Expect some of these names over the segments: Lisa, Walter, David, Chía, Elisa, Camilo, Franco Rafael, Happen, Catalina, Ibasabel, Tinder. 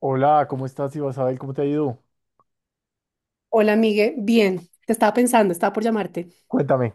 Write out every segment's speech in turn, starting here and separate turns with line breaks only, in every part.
Hola, ¿cómo estás, Ibasabel? ¿Cómo te ha ido?
Hola, Migue. Bien, te estaba pensando, estaba por llamarte.
Cuéntame,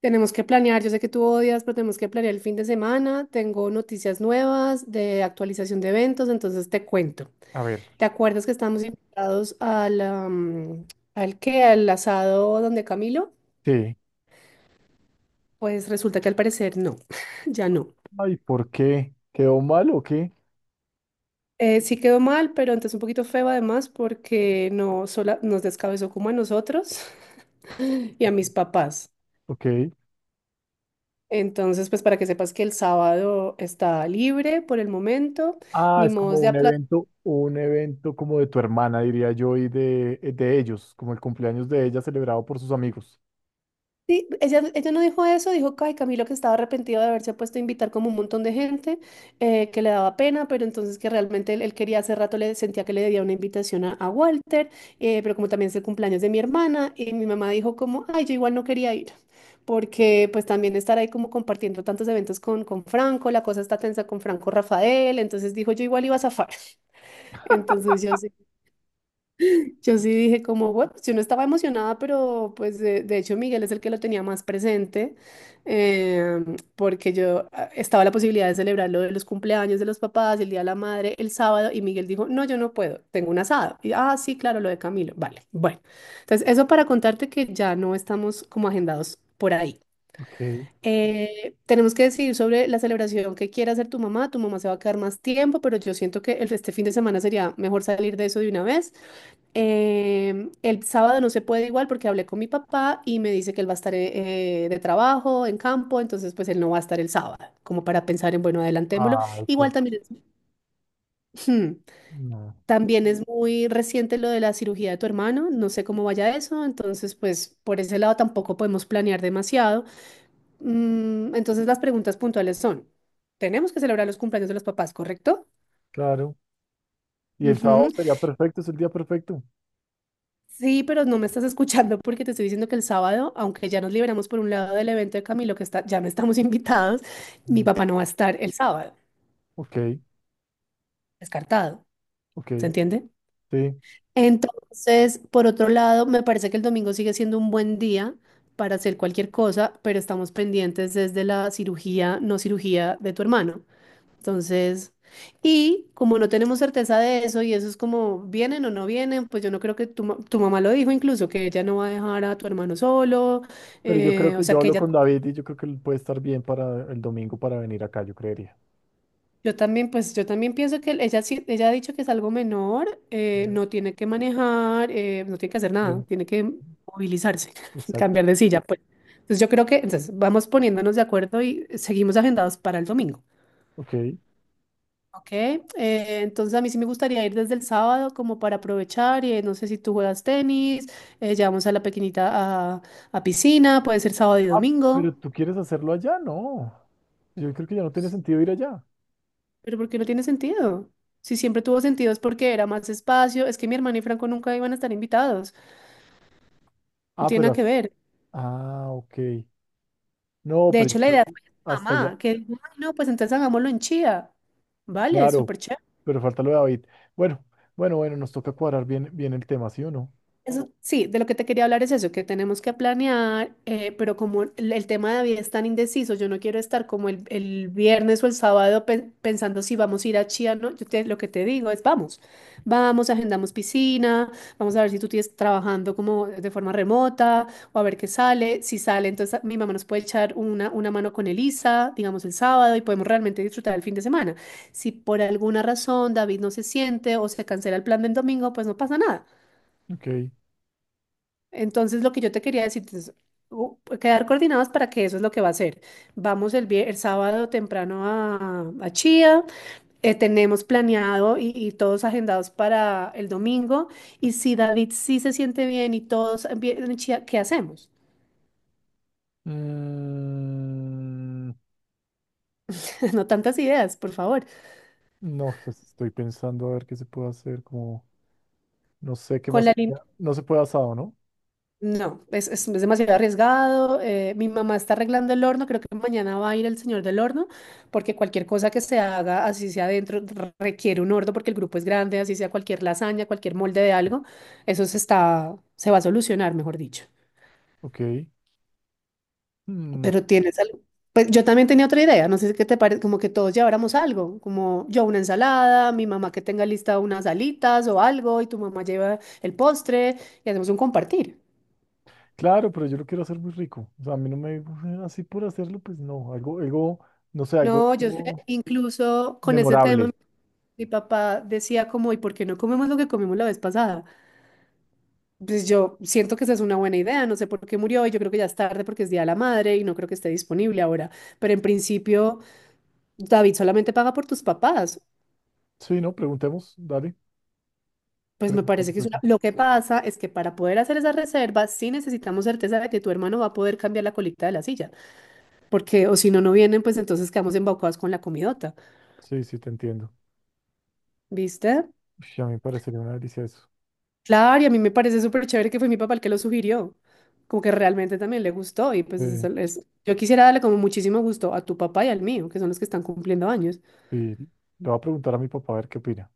Tenemos que planear, yo sé que tú odias, pero tenemos que planear el fin de semana. Tengo noticias nuevas de actualización de eventos, entonces te cuento.
a ver.
¿Te acuerdas que estábamos invitados al, al qué? ¿Al asado donde Camilo?
Sí.
Pues resulta que al parecer no, ya no.
Ay, ¿por qué? ¿Quedó mal o qué?
Sí quedó mal, pero entonces un poquito feo además porque no sola, nos descabezó como a nosotros y a mis papás.
Ok.
Entonces, pues para que sepas que el sábado está libre por el momento,
Ah,
ni
es como
modos de aplazar.
un evento como de tu hermana, diría yo, y de ellos, como el cumpleaños de ella celebrado por sus amigos.
Sí, ella no dijo eso, dijo que ay, Camilo que estaba arrepentido de haberse puesto a invitar como un montón de gente, que le daba pena, pero entonces que realmente él quería hace rato, le sentía que le debía una invitación a Walter, pero como también es el cumpleaños de mi hermana, y mi mamá dijo como, ay, yo igual no quería ir, porque pues también estar ahí como compartiendo tantos eventos con Franco, la cosa está tensa con Franco Rafael, entonces dijo, yo igual iba a zafar. Entonces yo Yo sí dije como, bueno, yo no estaba emocionada, pero pues de hecho Miguel es el que lo tenía más presente, eh, porque yo estaba la posibilidad de celebrar lo de los cumpleaños de los papás, el Día de la Madre, el sábado, y Miguel dijo, no, yo no puedo, tengo un asado. Y, ah, sí, claro, lo de Camilo. Vale, bueno. Entonces, eso para contarte que ya no estamos como agendados por ahí.
Ok.
Tenemos que decidir sobre la celebración que quiera hacer tu mamá. Tu mamá se va a quedar más tiempo, pero yo siento que este fin de semana sería mejor salir de eso de una vez. El sábado no se puede igual porque hablé con mi papá y me dice que él va a estar de trabajo, en campo, entonces pues él no va a estar el sábado, como para pensar en, bueno, adelantémoslo.
Ay,
Igual
por...
también es, ujú,
no.
también es muy reciente lo de la cirugía de tu hermano, no sé cómo vaya eso, entonces pues por ese lado tampoco podemos planear demasiado. Mm, entonces las preguntas puntuales son, ¿tenemos que celebrar los cumpleaños de los papás, correcto?
Claro. Y el sábado
Ujú.
sería perfecto, es el día perfecto.
Sí, pero no me estás escuchando porque te estoy diciendo que el sábado, aunque ya nos liberamos por un lado del evento de Camilo, que está, ya no estamos invitados, mi
Mm.
papá no va a estar el sábado,
Ok,
descartado,
ok,
¿se entiende?
sí.
Entonces, por otro lado, me parece que el domingo sigue siendo un buen día para hacer cualquier cosa, pero estamos pendientes desde la cirugía, no cirugía de tu hermano. Entonces, y como no tenemos certeza de eso y eso es como vienen o no vienen, pues yo no creo que tu mamá lo dijo incluso, que ella no va a dejar a tu hermano solo,
Pero yo creo
o
que
sea
yo
que
hablo
ella,
con David y yo creo que él puede estar bien para el domingo para venir acá, yo creería.
yo también, pues yo también pienso que ella, ella ha dicho que es algo menor,
Eh,
no tiene que manejar, no tiene que hacer
Sí,
nada, tiene que movilizarse,
exacto.
cambiar de silla, pues. Entonces yo creo que, entonces vamos poniéndonos de acuerdo y seguimos agendados para el domingo.
Ok.
Ok, entonces a mí sí me gustaría ir desde el sábado como para aprovechar y no sé si tú juegas tenis, llevamos a la pequeñita a piscina, puede ser sábado y
Ah, pero
domingo,
tú quieres hacerlo allá, no. Yo creo que ya no tiene sentido ir allá.
pero ¿por qué no tiene sentido? Si siempre tuvo sentido es porque era más espacio, es que mi hermana y Franco nunca iban a estar invitados, no
Ah,
tiene
pero...
nada que
as-
ver.
Ah, ok. No,
De
pero yo
hecho, la
creo
idea
que
fue de mi
hasta allá.
mamá, que dijo, "Ay, no, pues entonces hagámoslo en Chía, vale,
Claro,
súper chévere".
pero falta lo de David. Bueno, bueno, bueno, nos toca cuadrar bien, bien el tema, ¿sí o no?
Eso, sí, de lo que te quería hablar es eso, que tenemos que planear, pero como el tema de David es tan indeciso, yo no quiero estar como el viernes o el sábado pensando si vamos a ir a Chía, ¿no? Lo que te digo es vamos, agendamos piscina, vamos a ver si tú tienes trabajando como de forma remota o a ver qué sale. Si sale, entonces mi mamá nos puede echar una mano con Elisa, digamos el sábado, y podemos realmente disfrutar el fin de semana. Si por alguna razón David no se siente o se cancela el plan del domingo, pues no pasa nada.
Ok.
Entonces, lo que yo te quería decir es quedar coordinados para que eso es lo que va a hacer. Vamos el sábado temprano a Chía, tenemos planeado y todos agendados para el domingo. Y si David sí se siente bien y todos bien en Chía, ¿qué hacemos?
Mm.
No tantas ideas, por favor.
No, pues estoy pensando a ver qué se puede hacer, como no sé qué
Con
más.
la.
No se puede asado, ¿no?
No, es demasiado arriesgado. Mi mamá está arreglando el horno. Creo que mañana va a ir el señor del horno, porque cualquier cosa que se haga, así sea adentro, requiere un horno, porque el grupo es grande, así sea cualquier lasaña, cualquier molde de algo, eso se está, se va a solucionar, mejor dicho.
Ok. Mm,
Pero tienes algo. Pues yo también tenía otra idea, no sé qué te parece, como que todos lleváramos algo, como yo una ensalada, mi mamá que tenga lista unas alitas o algo, y tu mamá lleva el postre y hacemos un compartir.
claro, pero yo lo quiero hacer muy rico. O sea, a mí no me así por hacerlo, pues no. Algo, algo, no sé, algo,
No, yo sé,
algo
incluso con ese
memorable.
tema. Mi papá decía como, ¿y por qué no comemos lo que comimos la vez pasada? Pues yo siento que esa es una buena idea, no sé por qué murió y yo creo que ya es tarde porque es Día de la Madre y no creo que esté disponible ahora, pero en principio David solamente paga por tus papás.
Sí, no, preguntemos, dale,
Pues me parece
preguntemos
que es una...
eso.
Lo que pasa es que para poder hacer esa reserva sí necesitamos certeza de que tu hermano va a poder cambiar la colita de la silla, porque o si no, no vienen, pues entonces quedamos embaucados con la comidota,
Sí, sí, te entiendo.
¿viste?
Uy, a mí me parecería una delicia eso.
Claro, y a mí me parece súper chévere que fue mi papá el que lo sugirió, como que realmente también le gustó y pues
Eh,
eso es, yo quisiera darle como muchísimo gusto a tu papá y al mío, que son los que están cumpliendo años,
sí, le voy a preguntar a mi papá a ver qué opina,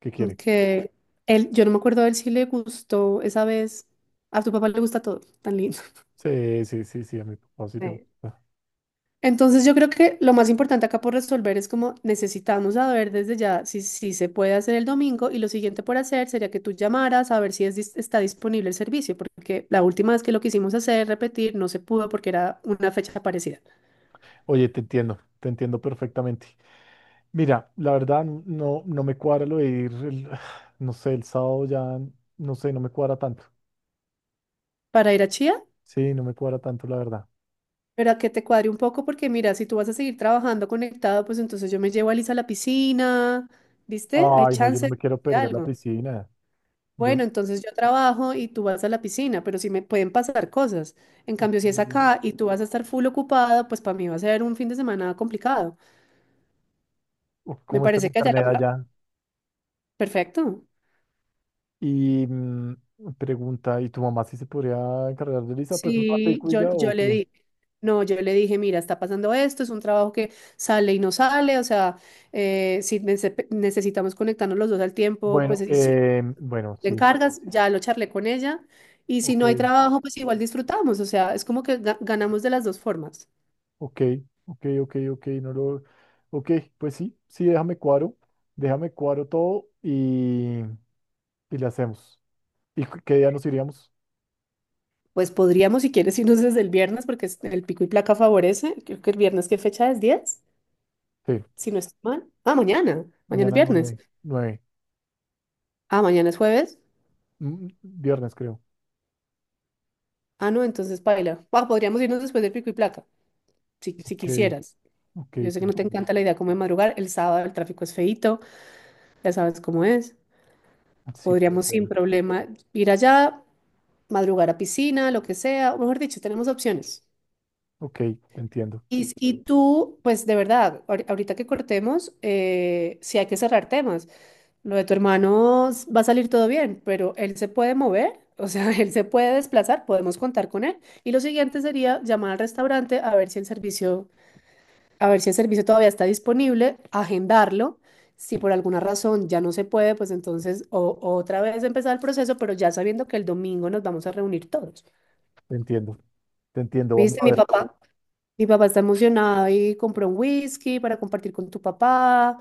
qué quiere.
que él, yo no me acuerdo de él si le gustó esa vez, a tu papá le gusta todo, tan lindo.
Sí, sí, sí, sí, a mi papá sí le gusta.
Entonces yo creo que lo más importante acá por resolver es como necesitamos saber desde ya si se puede hacer el domingo y lo siguiente por hacer sería que tú llamaras a ver si es está disponible el servicio, porque la última vez que lo quisimos hacer, repetir, no se pudo porque era una fecha parecida.
Oye, te entiendo perfectamente. Mira, la verdad no, no me cuadra lo de ir, el- no sé, el sábado ya, no sé, no me cuadra tanto.
Para ir a Chía,
Sí, no me cuadra tanto, la verdad.
pero a que te cuadre un poco porque mira, si tú vas a seguir trabajando conectado, pues entonces yo me llevo a Lisa a la piscina, ¿viste? Hay
Ay, no, yo no
chance
me quiero
de
perder la
algo.
piscina. Yo,
Bueno, entonces yo trabajo y tú vas a la piscina, pero sí me pueden pasar cosas. En cambio,
ok,
si es acá y tú vas a estar full ocupada, pues para mí va a ser un fin de semana complicado.
uf,
Me
¿cómo está el
parece que allá la...
internet allá?
Perfecto.
Y mm, pregunta, ¿y tu mamá si se podría encargar de Lisa? Pues un
Sí,
ratico y
yo,
ya,
yo
¿o
le
qué?
dije, no, yo le dije, mira, está pasando esto, es un trabajo que sale y no sale, o sea, si necesitamos conectarnos los dos al tiempo, pues
Bueno,
y si
bueno,
te
sí,
encargas, ya lo charlé con ella, y si no hay
ok.
trabajo, pues igual disfrutamos, o sea, es como que ganamos de las dos formas.
Ok, ok, no lo... Ok, pues sí, sí, déjame cuadro todo y le hacemos. ¿Y qué día nos iríamos?
Pues podríamos, si quieres, irnos desde el viernes, porque el pico y placa favorece. Creo que el viernes, ¿qué fecha es? ¿10?
Sí,
Si no estoy mal. Ah, mañana. Mañana es
mañana
viernes.
9, 9,
Ah, mañana es jueves.
mm, viernes creo.
Ah, no, entonces paila. Ah, podríamos irnos después del pico y placa, si
Ok,
quisieras.
ok,
Yo sé
te
que no te
entiendo.
encanta la idea como de madrugar. El sábado el tráfico es feíto, ya sabes cómo es.
Sí, puede
Podríamos sin
ser.
problema ir allá, madrugar a piscina, lo que sea. O mejor dicho, tenemos opciones.
Ok, te entiendo,
Y tú, pues de verdad, ahorita que cortemos, sí hay que cerrar temas. Lo de tu hermano va a salir todo bien, pero él se puede mover, o sea, él se puede desplazar, podemos contar con él. Y lo siguiente sería llamar al restaurante a ver si el servicio, a ver si el servicio todavía está disponible, agendarlo. Si por alguna razón ya no se puede, pues entonces otra vez empezar el proceso, pero ya sabiendo que el domingo nos vamos a reunir todos.
te entiendo, te entiendo, vamos
¿Viste,
a
mi
ver.
papá? Mi papá está emocionado y compró un whisky para compartir con tu papá.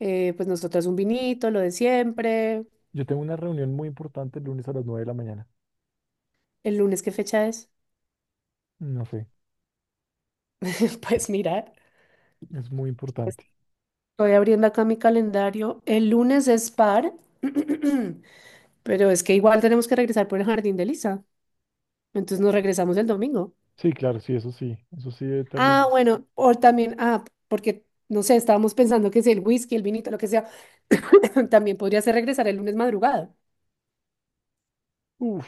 Pues nosotras un vinito, lo de siempre.
Yo tengo una reunión muy importante el lunes a las 9 de la mañana.
¿El lunes qué fecha es?
No sé,
Pues mira,
es muy importante.
estoy abriendo acá mi calendario. El lunes es par, pero es que igual tenemos que regresar por el jardín de Lisa. Entonces nos regresamos el domingo.
Sí, claro, sí, eso sí, eso sí determina.
Ah, bueno, o también, ah, porque no sé, estábamos pensando que si el whisky, el vinito, lo que sea, también podría ser regresar el lunes madrugada.
Uf,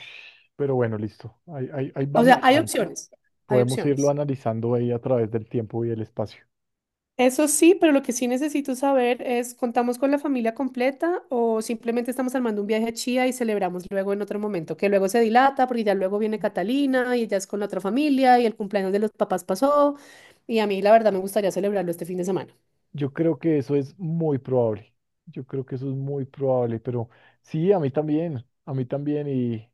pero bueno, listo, ahí, ahí, ahí
O
vamos.
sea, hay opciones, hay
Podemos irlo
opciones.
analizando ahí a través del tiempo y el espacio.
Eso sí, pero lo que sí necesito saber es, ¿contamos con la familia completa o simplemente estamos armando un viaje a Chía y celebramos luego en otro momento? Que luego se dilata porque ya luego viene Catalina y ella es con la otra familia y el cumpleaños de los papás pasó y a mí la verdad me gustaría celebrarlo este fin de semana.
Yo creo que eso es muy probable. Yo creo que eso es muy probable, pero sí, a mí también y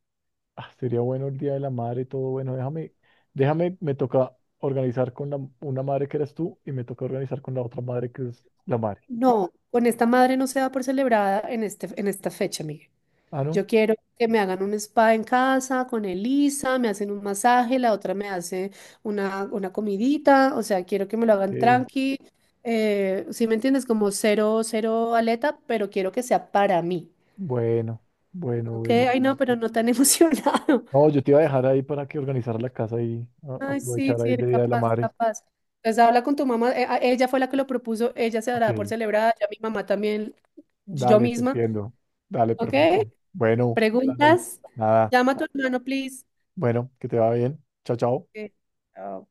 ah, sería bueno el Día de la Madre, todo bueno. Déjame, déjame, me toca organizar con la, una madre que eres tú y me toca organizar con la otra madre que es la madre.
No, con esta madre no se da por celebrada en este, en esta fecha, Miguel.
Ah, ¿no?
Yo quiero que me hagan un spa en casa con Elisa, me hacen un masaje, la otra me hace una comidita, o sea, quiero que me lo hagan
Eh,
tranqui. Si me entiendes, como cero, cero aleta, pero quiero que sea para mí.
bueno, bueno,
Ok,
bueno.
ay no, pero no tan emocionado.
No, yo te iba a dejar ahí para que organizar la casa y
Ay, sí,
aprovechar
sí,
ahí de
eres
Día de la
capaz,
Madre.
capaz. Entonces habla con tu mamá, ella fue la que lo propuso, ella se dará por
Ok.
celebrada, ya mi mamá también, yo
Dale, te
misma.
entiendo. Dale,
Ok,
perfecto. Bueno, dale.
preguntas,
Nada.
llama a tu hermano, please.
Bueno, que te va bien. Chao, chao.
Ok, chao.